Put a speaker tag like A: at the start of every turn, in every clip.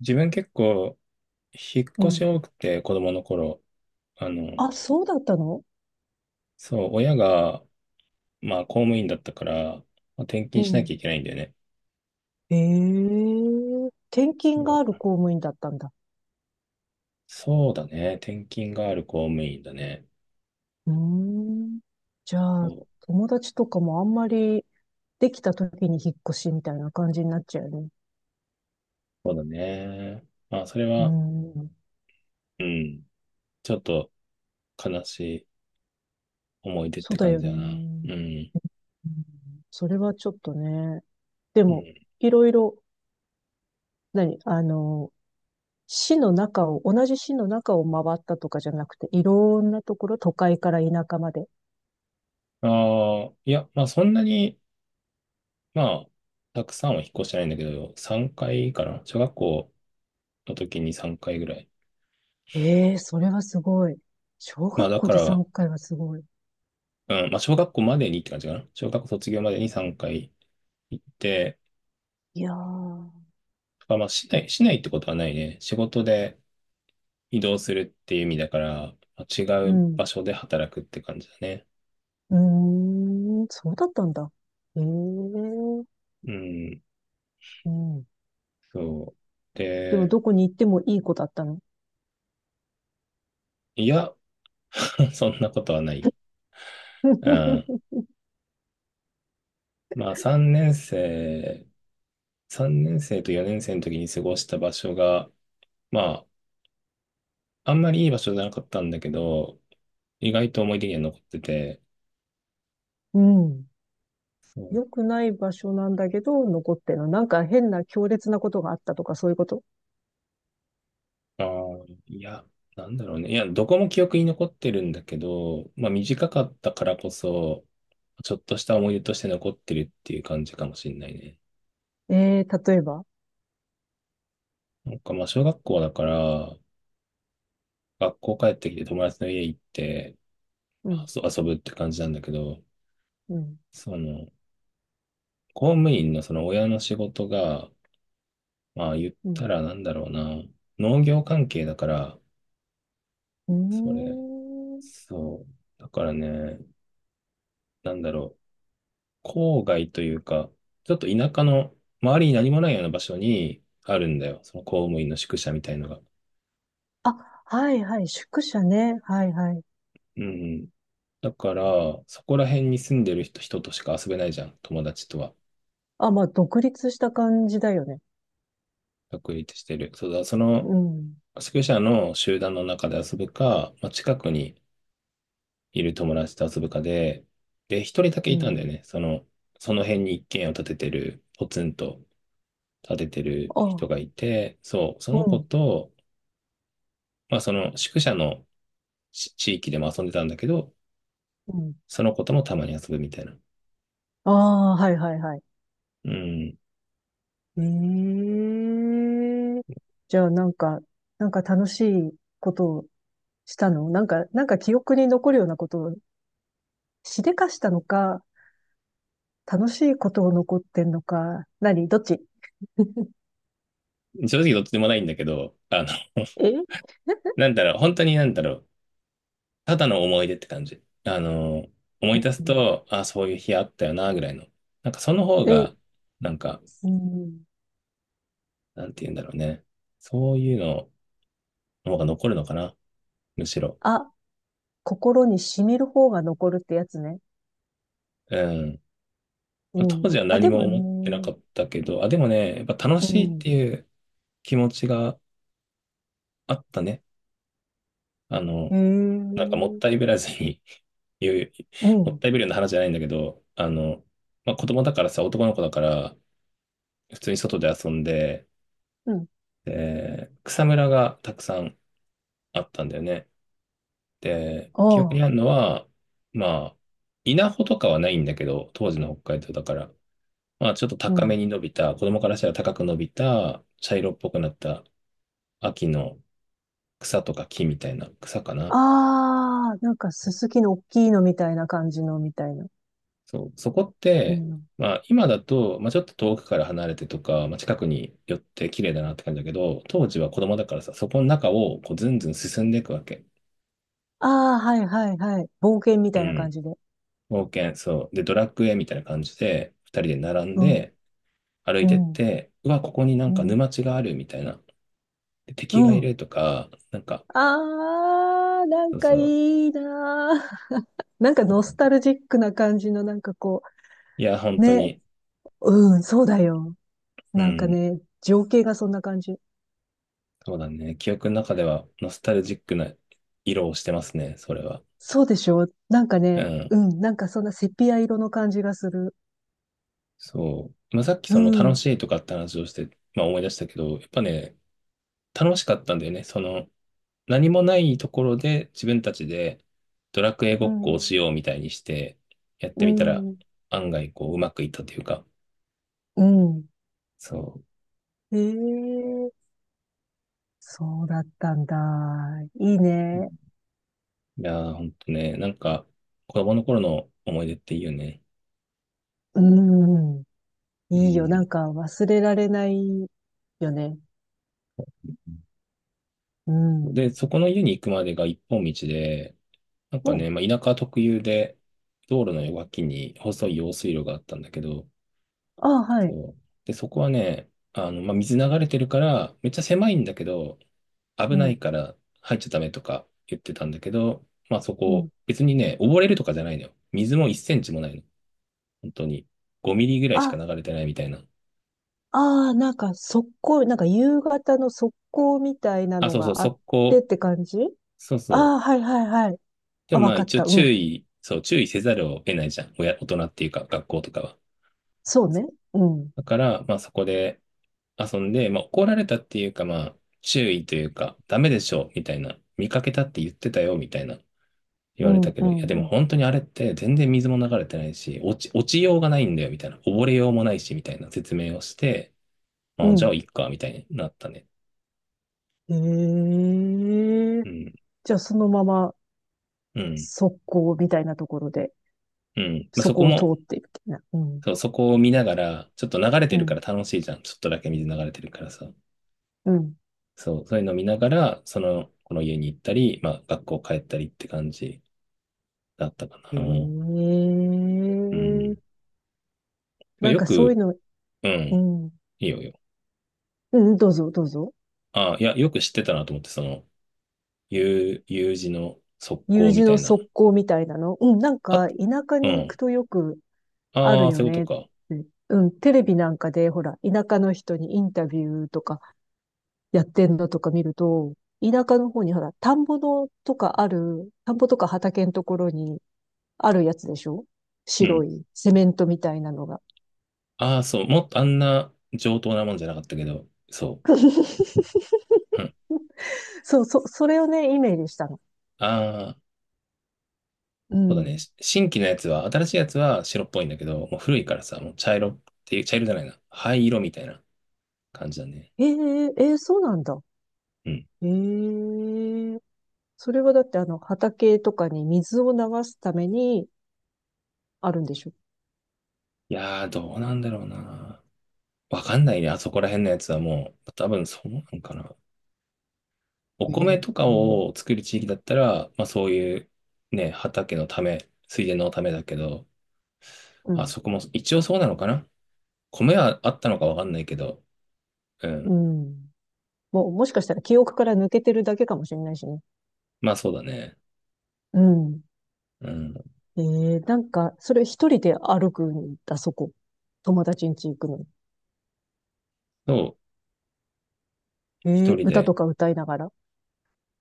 A: 自分結構、引っ
B: う
A: 越し
B: ん。
A: 多くて、子供の頃。あの、
B: あ、そうだったの？
A: そう、親が、まあ、公務員だったから、まあ、転
B: う
A: 勤しな
B: ん。
A: きゃいけないんだよね。
B: ええ転勤が
A: そ
B: ある
A: う、
B: 公務員だったんだ。
A: そうだね。転勤がある公務員だね。
B: うーん。じゃ
A: そ
B: あ、
A: う、
B: 友達とかもあんまりできた時に引っ越しみたいな感じになっちゃうよね。
A: そうだね。まあ、それ
B: うー
A: は、
B: ん。
A: うん、ちょっと悲しい思い出っ
B: そう
A: て
B: だ
A: 感
B: よ
A: じだな。
B: ね。
A: うん、
B: うん、それはちょっとね。で
A: う
B: も、
A: ん。
B: いろいろ、何あの、市の中を、同じ市の中を回ったとかじゃなくて、いろんなところ、都会から田舎まで
A: ああ、いや、まあ、そんなに、まあ、たくさんは引っ越してないんだけど、3回かいかな。小学校の時に3回ぐらい。
B: ええ、それはすごい。小
A: まあ
B: 学
A: だ
B: 校
A: か
B: で
A: ら、
B: 3回はすごい。
A: うん、まあ、小学校までにって感じかな。小学校卒業までに3回行って、
B: いやー、
A: まあ、まあ、市内ってことはないね。仕事で移動するっていう意味だから、まあ違
B: う
A: う
B: ん。
A: 場所で働くって感じだね。
B: うーん、そうだったんだ。ええ、う
A: うん、
B: ん。
A: そう。
B: でも、
A: で、
B: どこに行ってもいい子だったの？
A: いや、そんなことはないよ。うん。まあ、3年生と4年生の時に過ごした場所が、まあ、あんまりいい場所じゃなかったんだけど、意外と思い出には残ってて、
B: うん。
A: そう。
B: 良くない場所なんだけど、残ってるの。なんか変な強烈なことがあったとか、そういうこと？
A: ああ、いや、なんだろうね。いや、どこも記憶に残ってるんだけど、まあ短かったからこそ、ちょっとした思い出として残ってるっていう感じかもしんないね。
B: ええー、例えば？
A: なんかまあ小学校だから、学校帰ってきて友達の家行って、
B: うん、
A: 遊ぶって感じなんだけど、
B: うん、
A: その、公務員のその親の仕事が、まあ言っ
B: う
A: た
B: ん。
A: らなんだろうな、農業関係だから、
B: う
A: それ、
B: ーん。
A: そう。だからね、なんだろう。郊外というか、ちょっと田舎の周りに何もないような場所にあるんだよ。その公務員の宿舎みたいのが。
B: あ、はいはい、宿舎ね。はいはい。
A: うん。だから、そこら辺に住んでる人としか遊べないじゃん。友達とは。
B: あ、まあ、独立した感じだよね。
A: 確立してる。そうだ、その
B: うん。
A: 宿舎の集団の中で遊ぶか、まあ、近くにいる友達と遊ぶかで、で、一人だけ
B: う
A: いたんだよ
B: ん。
A: ね。その、その辺に一軒家を建ててる、ポツンと建ててる
B: あ、
A: 人がいて、そう、そ
B: う
A: の子
B: ん、
A: と、まあ、その宿舎の地域でも遊んでたんだけど、
B: うん。
A: その子ともたまに遊ぶみたいな。
B: ああ、はいはいはい。
A: うん。
B: ええ、じゃあなんか、なんか楽しいことをしたのなんか、なんか記憶に残るようなことをしでかしたのか、楽しいことを残ってんのか、何どっち？
A: 正直どっちでもないんだけど、あの、
B: え、
A: なんだろう、本当になんだろう、ただの思い出って感じ。あの、思い出す
B: うん、
A: と、あ、そういう日あったよな、ぐらいの。なんかその方
B: え、
A: が、なんか、
B: うん。
A: なんて言うんだろうね。そういうのの方が残るのかな、むしろ。
B: あ、心に染みる方が残るってやつね。
A: うん。
B: う
A: まあ当
B: ん。
A: 時は
B: あ、
A: 何
B: で
A: も
B: も
A: 思ってな
B: ね、
A: かったけど、あ、でもね、やっぱ楽
B: う
A: しいって
B: ん。
A: いう気持ちがあったね。あの、
B: え
A: なんかもっ
B: え、
A: たいぶらずに 言う、
B: う
A: もっ
B: ん。
A: たいぶるような話じゃないんだけど、あの、まあ、子供だからさ、男の子だから、普通に外で遊んで、
B: うん。
A: で、草むらがたくさんあったんだよね。で、
B: あ
A: 記憶に
B: あ。
A: あるのは、まあ、稲穂とかはないんだけど、当時の北海道だから、まあ、ちょっと
B: う
A: 高め
B: ん。
A: に伸びた、子供からしたら高く伸びた、茶色っぽくなった秋の草とか木みたいな草かな。
B: ああ、なんかすすきの大きいのみたいな感じのみたいな。
A: そう、そこっ
B: う
A: て、
B: ん。
A: まあ今だと、まあちょっと遠くから離れてとか、まあ近くに寄って綺麗だなって感じだけど、当時は子供だからさ、そこの中をこうずんずん進んでいくわけ。
B: ああ、はいはいはい。冒険み
A: う
B: たいな感
A: ん。
B: じで。
A: 冒険、そう。で、ドラクエみたいな感じで、二人で並ん
B: うん、
A: で歩い
B: う
A: てっ
B: ん、
A: て、うわ、ここにな
B: う
A: んか
B: ん、
A: 沼地があるみたいな。で、
B: う
A: 敵がい
B: ん。
A: るとか、なんか、
B: ああ、なん
A: そう
B: か
A: そう。
B: いいなー。なんか
A: そう
B: ノ
A: だ
B: ス
A: ね。
B: タルジックな感じの、なんかこ
A: いや、本
B: う、
A: 当
B: ね。
A: に、
B: うん、そうだよ。
A: う
B: なんか
A: ん。
B: ね、情景がそんな感じ。
A: そうだね。記憶の中ではノスタルジックな色をしてますね、それは。
B: そうでしょ？なんか
A: う
B: ね、
A: ん。
B: うん、なんかそんなセピア色の感じがする。
A: そう。まあ、さっき
B: う
A: その楽
B: ん、
A: しいとかって話をして、まあ、思い出したけど、やっぱね、楽しかったんだよね。その、何もないところで自分たちでドラクエご
B: う
A: っこをし
B: ん、
A: ようみたいにして、やっ
B: う
A: てみたら
B: ん、
A: 案外こううまくいったというか、
B: うん。
A: そ
B: ええ、そうだったんだ。いいね。
A: う。いやー、ほんとね、なんか子供の頃の思い出っていいよね。
B: うん。いいよ。なん
A: う
B: か忘れられないよね。う
A: ん。で、
B: ん。
A: そこの家に行くまでが一本道で、なんか
B: う
A: ね、
B: ん。
A: まあ、田舎特有で、道路の脇に細い用水路があったんだけど、
B: ああ、はい。
A: そう。で、そこはね、あの、まあ、水流れてるから、めっちゃ狭いんだけど、危
B: う
A: ない
B: ん。
A: から入っちゃダメとか言ってたんだけど、まあそ
B: うん。
A: こ、別にね、溺れるとかじゃないのよ。水も1センチもないの。本当に。5ミリぐらいしか
B: あ、
A: 流れてないみたいな。
B: ああ、なんか速攻、なんか夕方の速攻みたいな
A: あ、
B: の
A: そうそう、
B: があっ
A: 速
B: てっ
A: 攻。
B: て感じ。
A: そう
B: あ
A: そ
B: あ、は
A: う。
B: いはいはい。
A: で
B: あ、
A: も
B: わ
A: まあ
B: かっ
A: 一応
B: た。う
A: 注
B: ん。
A: 意、そう、注意せざるを得ないじゃん。親、大人っていうか、学校とかは。
B: そうね。うん。
A: だから、まあそこで遊んで、まあ怒られたっていうか、まあ注意というか、ダメでしょ、みたいな。見かけたって言ってたよ、みたいな。言
B: う
A: われ
B: ん、
A: たけ
B: う
A: ど、いや
B: ん、
A: で
B: う
A: も
B: ん。
A: 本当にあれって全然水も流れてないし、落ちようがないんだよみたいな、溺れようもないしみたいな説明をして、
B: う
A: あ、じゃあ
B: ん。
A: いっかみたいになったね。
B: ええ、
A: うん、
B: じゃあそのまま
A: うん、
B: 速攻みたいなところで、
A: うん。まあ、
B: そ
A: そこ
B: こを通
A: も、
B: っていくみたいな。うん。
A: そう、そこを見ながら、ちょっと流れて
B: う
A: るから
B: ん、
A: 楽しいじゃん。ちょっとだけ水流れてるからさ。
B: うん。
A: そう、そういうのを見ながら、その、この家に行ったり、まあ学校帰ったりって感じだったかな。
B: え
A: うん。
B: え、なん
A: よ
B: かそういう
A: く、
B: の、
A: う
B: う
A: ん、
B: ん、
A: いいよいいよ。
B: うん、どうぞ、どうぞ。
A: あ、いや、よく知ってたなと思って、その、U、U 字の側
B: U
A: 溝み
B: 字
A: た
B: の
A: いな。
B: 側溝みたいなの。うん、なん
A: あ、
B: か田舎
A: う
B: に行く
A: ん。
B: とよくあ
A: あ
B: る
A: あ、
B: よ
A: そういうこと
B: ねって。
A: か。
B: うん、テレビなんかで、ほら、田舎の人にインタビューとかやってんのとか見ると、田舎の方にほら、田んぼのとかある、田んぼとか畑のところにあるやつでしょ？
A: う
B: 白
A: ん。
B: いセメントみたいなのが。
A: ああ、そう。もっとあんな上等なもんじゃなかったけど、そう。うん。
B: そう、それをね、イメージしたの。
A: ああ、
B: う
A: そうだね。
B: ん。
A: し新規のやつは、新しいやつは白っぽいんだけど、もう古いからさ、もう茶色っていう、茶色じゃないな。灰色みたいな感じだね。
B: ええええ、そうなんだ。
A: うん。
B: ええ、それはだって畑とかに水を流すためにあるんでしょ？
A: いやー、どうなんだろうな。わかんないね。あそこら辺のやつはもう、多分そうなんかな。お
B: え、
A: 米とか
B: うん、
A: を作る地域だったら、まあそういうね、畑のため、水田のためだけど、
B: う
A: あ
B: ん。
A: そこも一応そうなのかな。米はあったのかわかんないけど、う
B: う
A: ん。
B: ん。もう、もしかしたら記憶から抜けてるだけかもしれないしね。
A: まあそうだね。
B: うん。
A: うん。
B: ええ、なんか、それ一人で歩くんだ、そこ？友達ん家行くのに。
A: そう、
B: え
A: 一
B: え、
A: 人
B: 歌
A: で
B: とか歌いながら？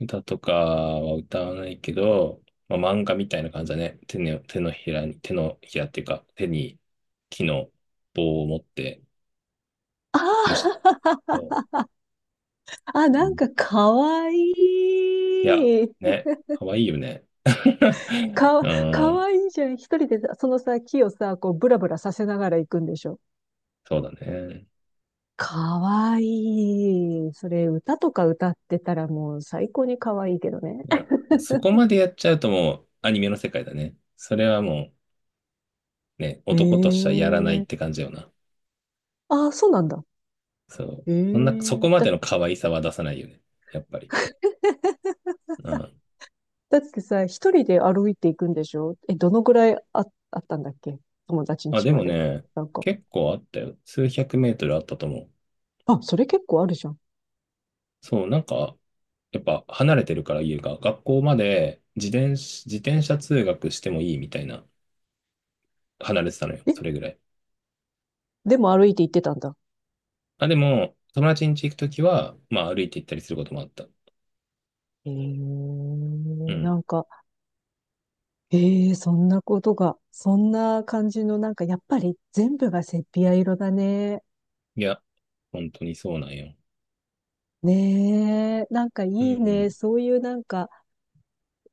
A: 歌とかは歌わないけど、まあ、漫画みたいな感じだね。手のひらに、手のひらっていうか、手に木の棒を持って、
B: あ
A: 虫
B: ー
A: と、
B: あ、
A: う
B: なん
A: ん。
B: かかわい
A: いや、
B: い。
A: ね、かわいいよね。う
B: か
A: ん、
B: わいいじゃん。一人でさそのさ、木をさ、こう、ブラブラさせながら行くんでしょ？
A: そうだね。
B: かわいい。それ、歌とか歌ってたらもう最高にかわいいけどね。
A: いや、そこまでやっちゃうともうアニメの世界だね。それはもうね、男としては
B: え
A: やらないっ
B: え、
A: て感じよな。
B: ああ、そうなんだ。
A: そう。
B: え
A: そんな、そこ
B: え、
A: までの可愛さは出さないよね。やっぱり。う ん。
B: だってさ、一人で歩いていくんでしょ？え、どのぐらいあったんだっけ、友達ん
A: あ、
B: 家
A: で
B: ま
A: も
B: で？
A: ね、
B: なんか、
A: 結構あったよ。数百メートルあったと思う。
B: あ、それ結構あるじゃん。
A: そう、なんか、やっぱ離れてるから家が、学校まで自転車通学してもいいみたいな、離れてたのよ。
B: え、
A: それぐらい。
B: でも歩いて行ってたんだ。
A: あ、でも、友達ん家行くときは、まあ歩いて行ったりすることもあった。
B: ええ、
A: うん。
B: なんか、ええ、そんなことが、そんな感じの、なんかやっぱり全部がセピア色だね。
A: いや、本当にそうなんよ。
B: ねえ、なんかい
A: う
B: い
A: ん。
B: ね。そういうなんか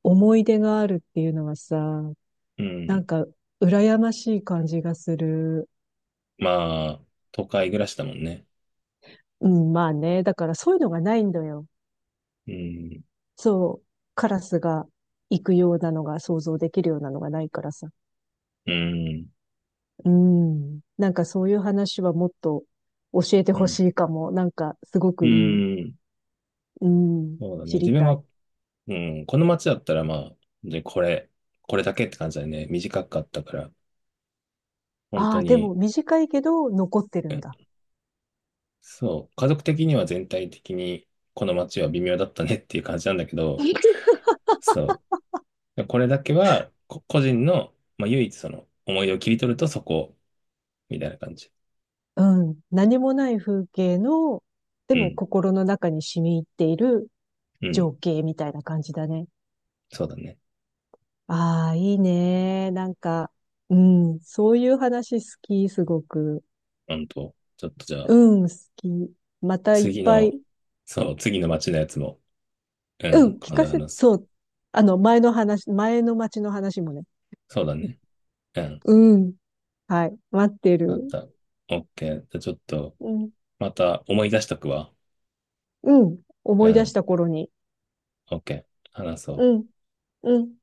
B: 思い出があるっていうのはさ、
A: う
B: なん
A: ん。
B: か羨ましい感じがする。
A: まあ、都会暮らしだもんね。
B: うん、まあね。だからそういうのがないんだよ。
A: うん。
B: そう。カラスが行くようなのが想像できるようなのがないからさ。
A: うん。
B: うん。なんかそういう話はもっと教えて
A: う
B: ほ
A: ん。
B: しいかも。なんかすご
A: う
B: くいい。
A: ん。
B: うん。
A: そうだね。
B: 知
A: 自
B: り
A: 分
B: たい。
A: は、うん、この街だったらまあ、で、これだけって感じだね。短かったから、本
B: あ
A: 当
B: あ、で
A: に、
B: も短いけど残ってる
A: う
B: ん
A: ん、
B: だ。
A: そう、家族的には全体的にこの街は微妙だったねっていう感じなんだけど、そう、でこれだけは個人の、まあ、唯一その思い出を切り取るとそこ、みたいな感じ。
B: うん。何もない風景の、で
A: う
B: も
A: ん、
B: 心の中に染み入っている
A: うん、
B: 情景みたいな感じだね。
A: そうだね。
B: ああ、いいね。なんか、うん。そういう話好き、すごく。
A: うんと、ちょっとじゃあ、
B: うん、好き。またいっ
A: 次
B: ぱい。
A: の、そう、次の街のやつも、う
B: う
A: ん、
B: ん、聞
A: 今
B: か
A: 度
B: せ、
A: 話す。
B: そう。前の町の話もね。
A: そうだね。うん。
B: うん。はい。待って
A: あっ
B: る。
A: た。オッケー。じゃあちょっと、
B: うん。
A: また思い出しとくわ。
B: うん。
A: う
B: 思い出し
A: ん。
B: た頃に。
A: オッケー。話そ
B: う
A: う。
B: ん。うん。